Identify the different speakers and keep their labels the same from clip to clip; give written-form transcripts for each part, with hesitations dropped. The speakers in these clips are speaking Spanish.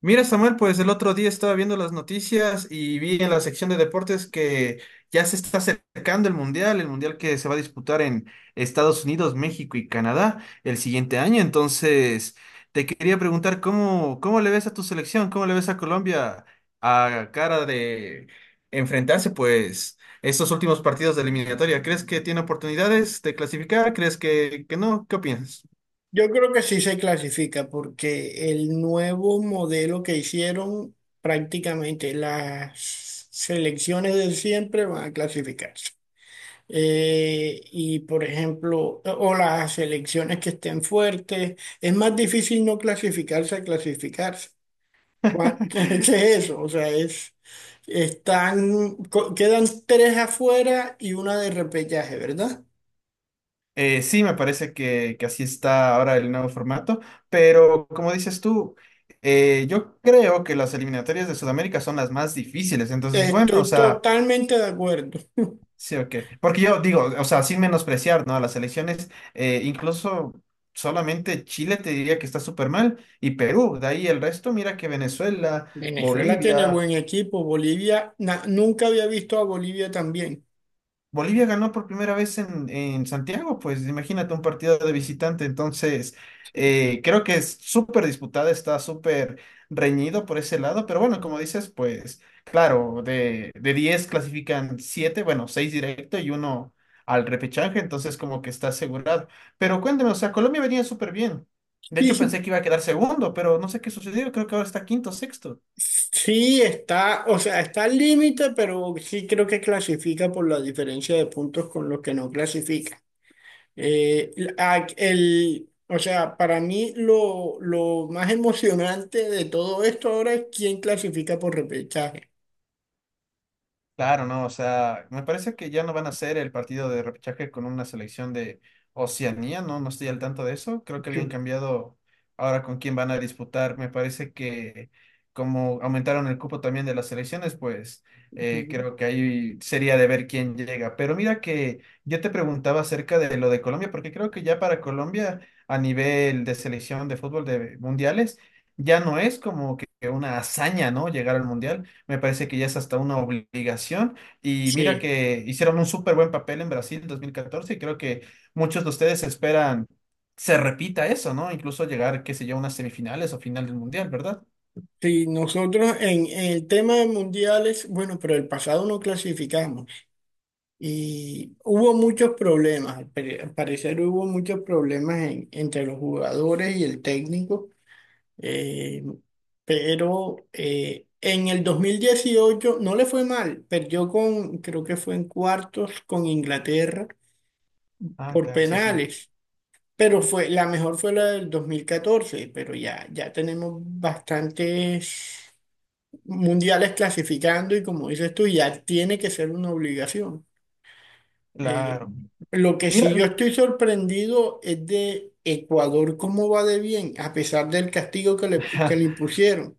Speaker 1: Mira, Samuel, pues el otro día estaba viendo las noticias y vi en la sección de deportes que ya se está acercando el mundial que se va a disputar en Estados Unidos, México y Canadá el siguiente año. Entonces, te quería preguntar cómo le ves a tu selección, cómo le ves a Colombia a cara de enfrentarse, pues, estos últimos partidos de eliminatoria. ¿Crees que tiene oportunidades de clasificar? ¿Crees que no? ¿Qué opinas?
Speaker 2: Yo creo que sí se clasifica porque el nuevo modelo que hicieron, prácticamente las selecciones de siempre van a clasificarse. Y por ejemplo, o las selecciones que estén fuertes, es más difícil no clasificarse a clasificarse. ¿Qué es eso? O sea, es, están, quedan tres afuera y una de repechaje, ¿verdad?
Speaker 1: Sí, me parece que así está ahora el nuevo formato, pero como dices tú, yo creo que las eliminatorias de Sudamérica son las más difíciles, entonces bueno, o
Speaker 2: Estoy
Speaker 1: sea,
Speaker 2: totalmente de acuerdo.
Speaker 1: sí o qué, porque yo digo, o sea, sin menospreciar, ¿no? A las elecciones, incluso solamente Chile te diría que está súper mal y Perú, de ahí el resto, mira que Venezuela,
Speaker 2: Venezuela tiene
Speaker 1: Bolivia.
Speaker 2: buen equipo. Bolivia, nunca había visto a Bolivia tan bien.
Speaker 1: Bolivia ganó por primera vez en Santiago, pues imagínate un partido de visitante, entonces creo que es súper disputada, está súper reñido por ese lado, pero bueno, como dices, pues claro, de 10 clasifican 7, bueno, 6 directo y uno al repechaje, entonces como que está asegurado. Pero cuéntame, o sea, Colombia venía súper bien. De hecho, pensé
Speaker 2: Y
Speaker 1: que iba a quedar segundo, pero no sé qué sucedió, creo que ahora está quinto, sexto.
Speaker 2: sí está, o sea, está al límite, pero sí creo que clasifica por la diferencia de puntos con los que no clasifica. O sea, para mí lo más emocionante de todo esto ahora es quién clasifica por repechaje.
Speaker 1: Claro, no, o sea, me parece que ya no van a hacer el partido de repechaje con una selección de Oceanía, no, no estoy al tanto de eso. Creo que habían
Speaker 2: Yo-
Speaker 1: cambiado ahora con quién van a disputar. Me parece que como aumentaron el cupo también de las selecciones, pues
Speaker 2: ujú.
Speaker 1: creo que ahí sería de ver quién llega. Pero mira que yo te preguntaba acerca de lo de Colombia, porque creo que ya para Colombia a nivel de selección de fútbol de mundiales ya no es como que una hazaña, ¿no? Llegar al mundial me parece que ya es hasta una obligación. Y mira
Speaker 2: Sí.
Speaker 1: que hicieron un súper buen papel en Brasil en 2014 y creo que muchos de ustedes esperan se repita eso, ¿no? Incluso llegar, qué sé yo, a unas semifinales o final del mundial, ¿verdad?
Speaker 2: Sí, nosotros en el tema de mundiales, bueno, pero el pasado no clasificamos. Y hubo muchos problemas, al parecer hubo muchos problemas entre los jugadores y el técnico, eh, en el 2018 no le fue mal, perdió con, creo que fue en cuartos con Inglaterra
Speaker 1: Ah,
Speaker 2: por
Speaker 1: claro, sí, sí,
Speaker 2: penales, pero la mejor fue la del 2014, pero ya tenemos bastantes mundiales clasificando y como dices tú, ya tiene que ser una obligación. Eh,
Speaker 1: claro.
Speaker 2: lo que
Speaker 1: Mira,
Speaker 2: sí yo
Speaker 1: mi-
Speaker 2: estoy sorprendido es de Ecuador, cómo va de bien, a pesar del castigo que que le impusieron.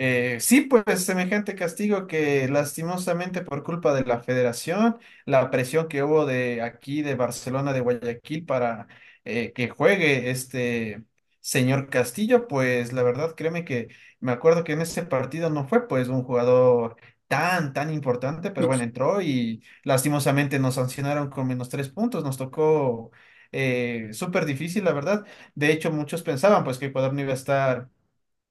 Speaker 1: Sí, pues semejante castigo que lastimosamente por culpa de la federación, la presión que hubo de aquí, de Barcelona, de Guayaquil, para que juegue este señor Castillo, pues la verdad, créeme que me acuerdo que en ese partido no fue pues un jugador tan importante, pero
Speaker 2: Sí,
Speaker 1: bueno,
Speaker 2: sí,
Speaker 1: entró y lastimosamente nos sancionaron con -3 puntos, nos tocó súper difícil, la verdad. De hecho, muchos pensaban pues que Ecuador no iba a estar.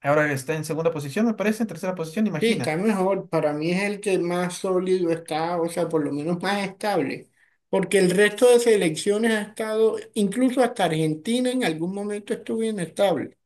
Speaker 1: Ahora está en segunda posición, me parece, en tercera posición, imagina.
Speaker 2: está mejor, para mí es el que más sólido está, o sea, por lo menos más estable, porque el resto de selecciones ha estado, incluso hasta Argentina en algún momento estuvo inestable,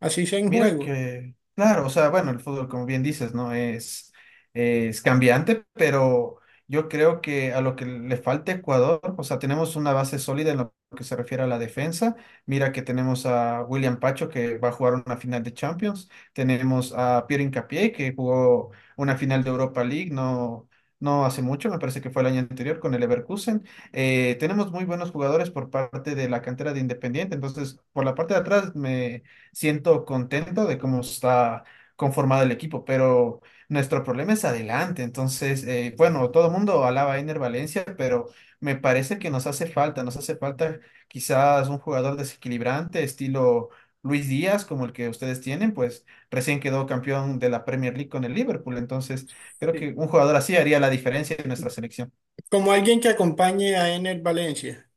Speaker 2: así sea en
Speaker 1: Mira
Speaker 2: juego.
Speaker 1: que, claro, o sea, bueno, el fútbol, como bien dices, ¿no? Es cambiante, pero yo creo que a lo que le falta a Ecuador, o sea, tenemos una base sólida en lo que se refiere a la defensa. Mira que tenemos a William Pacho, que va a jugar una final de Champions. Tenemos a Pierre Hincapié, que jugó una final de Europa League, no, no hace mucho, me parece que fue el año anterior con el Leverkusen. Tenemos muy buenos jugadores por parte de la cantera de Independiente, entonces, por la parte de atrás me siento contento de cómo está conformado el equipo, pero nuestro problema es adelante. Entonces, bueno, todo el mundo alaba a Ener Valencia, pero me parece que nos hace falta quizás un jugador desequilibrante, estilo Luis Díaz, como el que ustedes tienen, pues recién quedó campeón de la Premier League con el Liverpool. Entonces, creo que
Speaker 2: Sí.
Speaker 1: un jugador así haría la diferencia en nuestra selección.
Speaker 2: Como alguien que acompañe a Ener Valencia,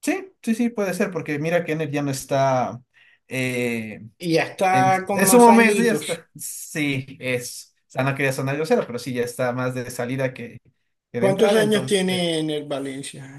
Speaker 1: Sí, sí, sí, puede ser, porque mira que Ener ya no está. eh,
Speaker 2: y ya está con
Speaker 1: En su
Speaker 2: más
Speaker 1: momento ya
Speaker 2: añitos.
Speaker 1: está. Sí, es. O sea, no quería sonar grosero, pero sí, ya está más de salida que de
Speaker 2: ¿Cuántos
Speaker 1: entrada,
Speaker 2: años
Speaker 1: entonces.
Speaker 2: tiene Ener Valencia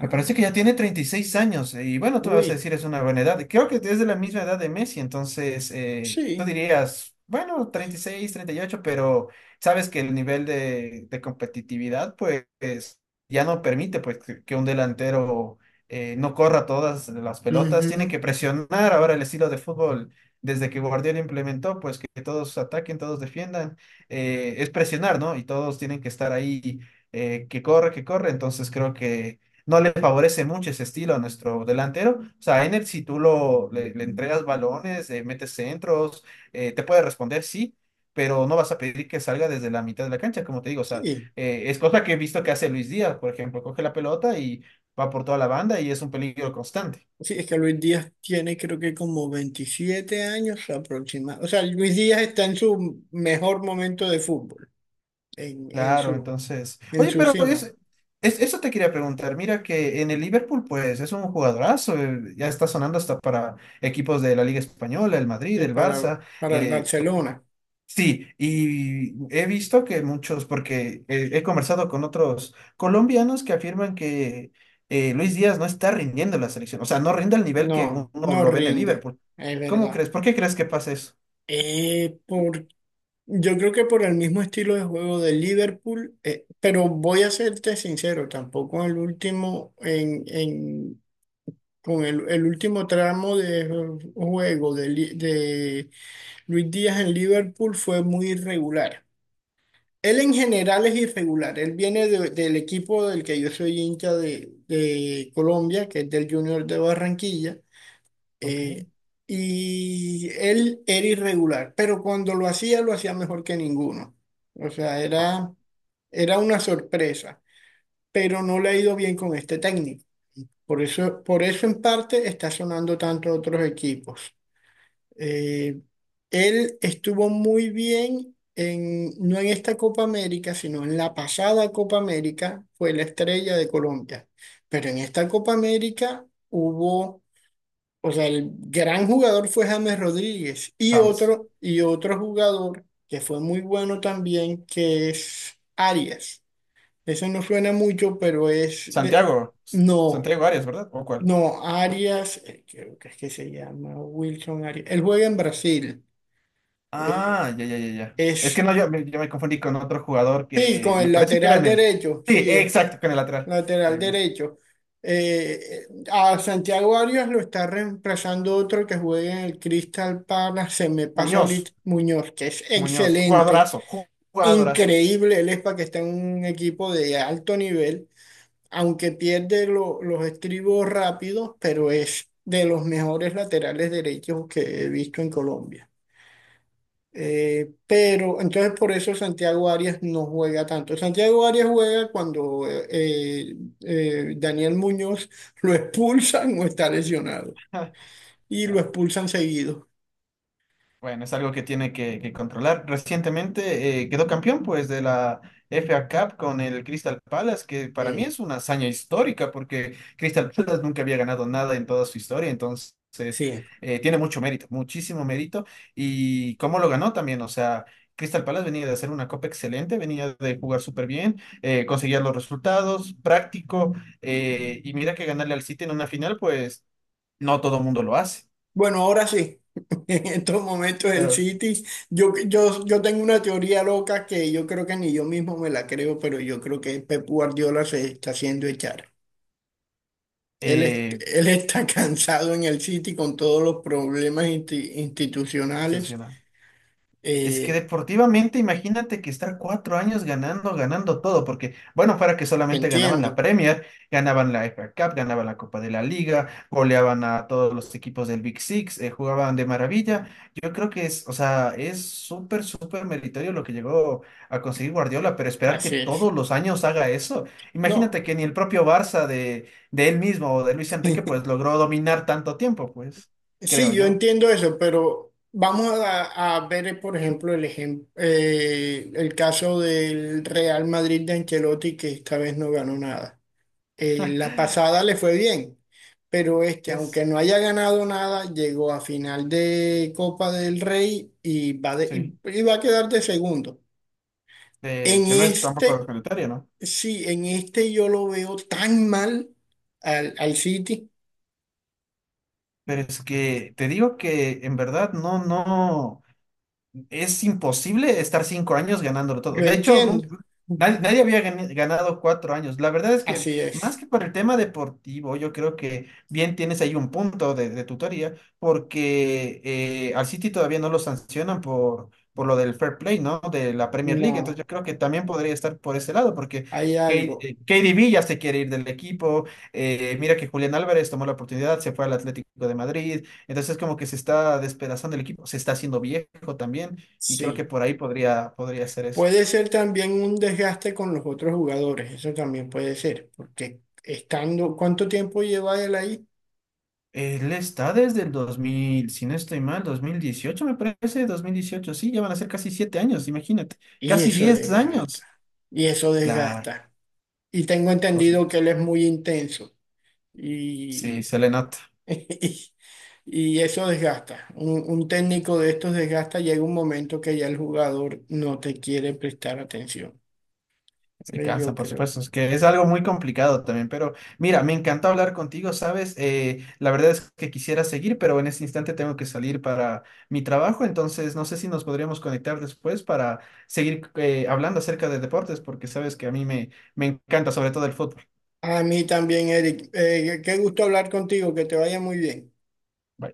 Speaker 1: Me parece que ya tiene 36 años y bueno, tú me vas a
Speaker 2: Uy,
Speaker 1: decir es una buena edad. Creo que es de la misma edad de Messi, entonces tú
Speaker 2: sí.
Speaker 1: dirías, bueno, 30 36 38 pero sabes que el nivel de competitividad pues es- ya no permite pues que un delantero no corra todas las pelotas, tiene
Speaker 2: Ujú.
Speaker 1: que presionar ahora el estilo de fútbol desde que Guardiola implementó pues que todos ataquen, todos defiendan, es presionar, ¿no? Y todos tienen que estar ahí que corre, entonces creo que no le favorece mucho ese estilo a nuestro delantero. O sea, Ener, si tú lo, le entregas balones, metes centros, te puede responder, sí, pero no vas a pedir que salga desde la mitad de la cancha, como te digo. O sea,
Speaker 2: Sí.
Speaker 1: es cosa que he visto que hace Luis Díaz, por ejemplo, coge la pelota y va por toda la banda y es un peligro constante.
Speaker 2: Sí, es que Luis Díaz tiene creo que como 27 años aproximadamente. O sea, Luis Díaz está en su mejor momento de fútbol, en, en
Speaker 1: Claro,
Speaker 2: su,
Speaker 1: entonces.
Speaker 2: en
Speaker 1: Oye,
Speaker 2: su
Speaker 1: pero
Speaker 2: cima,
Speaker 1: es- eso te quería preguntar. Mira que en el Liverpool, pues es un jugadorazo. Ya está sonando hasta para equipos de la Liga Española, el Madrid,
Speaker 2: sí,
Speaker 1: el Barça.
Speaker 2: para el
Speaker 1: eh,
Speaker 2: Barcelona.
Speaker 1: Sí, y he visto que muchos, porque he conversado con otros colombianos que afirman que Luis Díaz no está rindiendo en la selección, o sea, no rinde al nivel que uno
Speaker 2: No, no
Speaker 1: lo ve en el
Speaker 2: rinde,
Speaker 1: Liverpool.
Speaker 2: es
Speaker 1: ¿Cómo
Speaker 2: verdad.
Speaker 1: crees? ¿Por qué crees que pasa eso?
Speaker 2: Eh, por, yo creo que por el mismo estilo de juego de Liverpool, pero voy a serte sincero, tampoco el último en con el último tramo de juego de, de Luis Díaz en Liverpool fue muy irregular. Él en general es irregular. Él viene del equipo del que yo soy hincha de Colombia, que es del Junior de Barranquilla.
Speaker 1: Ok,
Speaker 2: Eh, y él era irregular, pero cuando lo hacía mejor que ninguno. O sea, era una sorpresa, pero no le ha ido bien con este técnico. Por eso en parte está sonando tanto a otros equipos. Eh, él estuvo muy bien en, no en esta Copa América, sino en la pasada Copa América, fue la estrella de Colombia. Pero en esta Copa América hubo, o sea, el gran jugador fue James Rodríguez y
Speaker 1: James.
Speaker 2: y otro jugador que fue muy bueno también, que es Arias. Eso no suena mucho, pero es de,
Speaker 1: Santiago, S-
Speaker 2: no,
Speaker 1: Santiago Arias, ¿verdad? ¿O cuál?
Speaker 2: no, Arias, creo que es que se llama Wilson Arias. Él juega en Brasil. Eh,
Speaker 1: Ah, ya, ya, ya, ya. Es que
Speaker 2: es,
Speaker 1: no, yo me confundí con otro jugador
Speaker 2: sí,
Speaker 1: que
Speaker 2: con
Speaker 1: me
Speaker 2: el
Speaker 1: parece que era
Speaker 2: lateral
Speaker 1: en el...
Speaker 2: derecho,
Speaker 1: Sí,
Speaker 2: sí, es
Speaker 1: exacto, con el lateral.
Speaker 2: lateral
Speaker 1: Eh,
Speaker 2: derecho. A Santiago Arias lo está reemplazando otro que juega en el Crystal Palace, se me pasa
Speaker 1: Muñoz,
Speaker 2: ahorita Muñoz, que es
Speaker 1: Muñoz,
Speaker 2: excelente,
Speaker 1: jugadorazo, ju- jugadorazo.
Speaker 2: increíble, él es para que está en un equipo de alto nivel, aunque pierde los estribos rápidos, pero es de los mejores laterales derechos que he visto en Colombia. Pero entonces por eso Santiago Arias no juega tanto. Santiago Arias juega cuando Daniel Muñoz lo expulsan o está lesionado. Y lo
Speaker 1: Claro.
Speaker 2: expulsan seguido.
Speaker 1: Bueno, es algo que tiene que controlar. Recientemente quedó campeón pues de la FA Cup con el Crystal Palace, que para mí
Speaker 2: Eh,
Speaker 1: es una hazaña histórica porque Crystal Palace nunca había ganado nada en toda su historia, entonces
Speaker 2: sí.
Speaker 1: tiene mucho mérito, muchísimo mérito. Y cómo lo ganó también, o sea, Crystal Palace venía de hacer una copa excelente, venía de jugar súper bien, conseguía los resultados, práctico, y mira que ganarle al City en una final, pues no todo el mundo lo hace,
Speaker 2: Bueno, ahora sí. En estos momentos el
Speaker 1: pero...
Speaker 2: City, yo tengo una teoría loca que yo creo que ni yo mismo me la creo, pero yo creo que Pep Guardiola se está haciendo echar.
Speaker 1: Eh,
Speaker 2: Él está cansado en el City con todos los problemas institucionales.
Speaker 1: sensacional. Es que
Speaker 2: Eh,
Speaker 1: deportivamente, imagínate que estar 4 años ganando, ganando todo, porque, bueno, para que solamente ganaban la
Speaker 2: entiendo,
Speaker 1: Premier, ganaban la FA Cup, ganaban la Copa de la Liga, goleaban a todos los equipos del Big Six, jugaban de maravilla. Yo creo que es, o sea, es súper, súper meritorio lo que llegó a conseguir Guardiola, pero esperar que
Speaker 2: así es.
Speaker 1: todos los años haga eso.
Speaker 2: No,
Speaker 1: Imagínate que ni el propio Barça de él mismo o de Luis Enrique, pues logró dominar tanto tiempo, pues, creo
Speaker 2: sí, yo
Speaker 1: yo.
Speaker 2: entiendo eso, pero vamos a ver, por ejemplo, el caso del Real Madrid de Ancelotti, que esta vez no ganó nada. La pasada le fue bien, pero este, aunque
Speaker 1: Es,
Speaker 2: no haya ganado nada, llegó a final de Copa del Rey y
Speaker 1: sí.
Speaker 2: y va a quedar de segundo. En
Speaker 1: Que no es tampoco
Speaker 2: este,
Speaker 1: sanitaria, ¿no?
Speaker 2: sí, en este yo lo veo tan mal al City.
Speaker 1: Pero es que te digo que en verdad no, no. Es imposible estar 5 años ganándolo todo.
Speaker 2: Yo
Speaker 1: De hecho, nun-
Speaker 2: entiendo,
Speaker 1: nadie, nadie había gani- ganado 4 años. La verdad es que,
Speaker 2: así
Speaker 1: más
Speaker 2: es.
Speaker 1: que por el tema deportivo, yo creo que bien tienes ahí un punto de tutoría, porque al City todavía no lo sancionan por lo del fair play, ¿no? De la Premier League. Entonces,
Speaker 2: No,
Speaker 1: yo creo que también podría estar por ese lado, porque
Speaker 2: hay
Speaker 1: K-
Speaker 2: algo,
Speaker 1: KDB ya se quiere ir del equipo. Mira que Julián Álvarez tomó la oportunidad, se fue al Atlético de Madrid. Entonces, como que se está despedazando el equipo, se está haciendo viejo también. Y creo que
Speaker 2: sí.
Speaker 1: por ahí podría ser eso.
Speaker 2: Puede ser también un desgaste con los otros jugadores, eso también puede ser, porque estando, ¿cuánto tiempo lleva él ahí?
Speaker 1: Él está desde el 2000 si no estoy mal, 2018 me parece, 2018 sí, ya van a ser casi 7 años, imagínate,
Speaker 2: Y
Speaker 1: casi
Speaker 2: eso
Speaker 1: diez
Speaker 2: desgasta,
Speaker 1: años.
Speaker 2: y eso
Speaker 1: Claro,
Speaker 2: desgasta. Y tengo
Speaker 1: por
Speaker 2: entendido que
Speaker 1: supuesto.
Speaker 2: él es
Speaker 1: Sí,
Speaker 2: muy intenso y,
Speaker 1: sí, se le nota.
Speaker 2: eso desgasta. Un técnico de estos desgasta, llega un momento que ya el jugador no te quiere prestar atención.
Speaker 1: Se cansa,
Speaker 2: Yo
Speaker 1: por
Speaker 2: creo.
Speaker 1: supuesto, es que es algo muy complicado también, pero mira, me encantó hablar contigo, ¿sabes? La verdad es que quisiera seguir, pero en este instante tengo que salir para mi trabajo, entonces no sé si nos podríamos conectar después para seguir hablando acerca de deportes, porque sabes que a mí me, me encanta sobre todo el fútbol.
Speaker 2: A mí también, Eric. Qué gusto hablar contigo, que te vaya muy bien.
Speaker 1: Bye.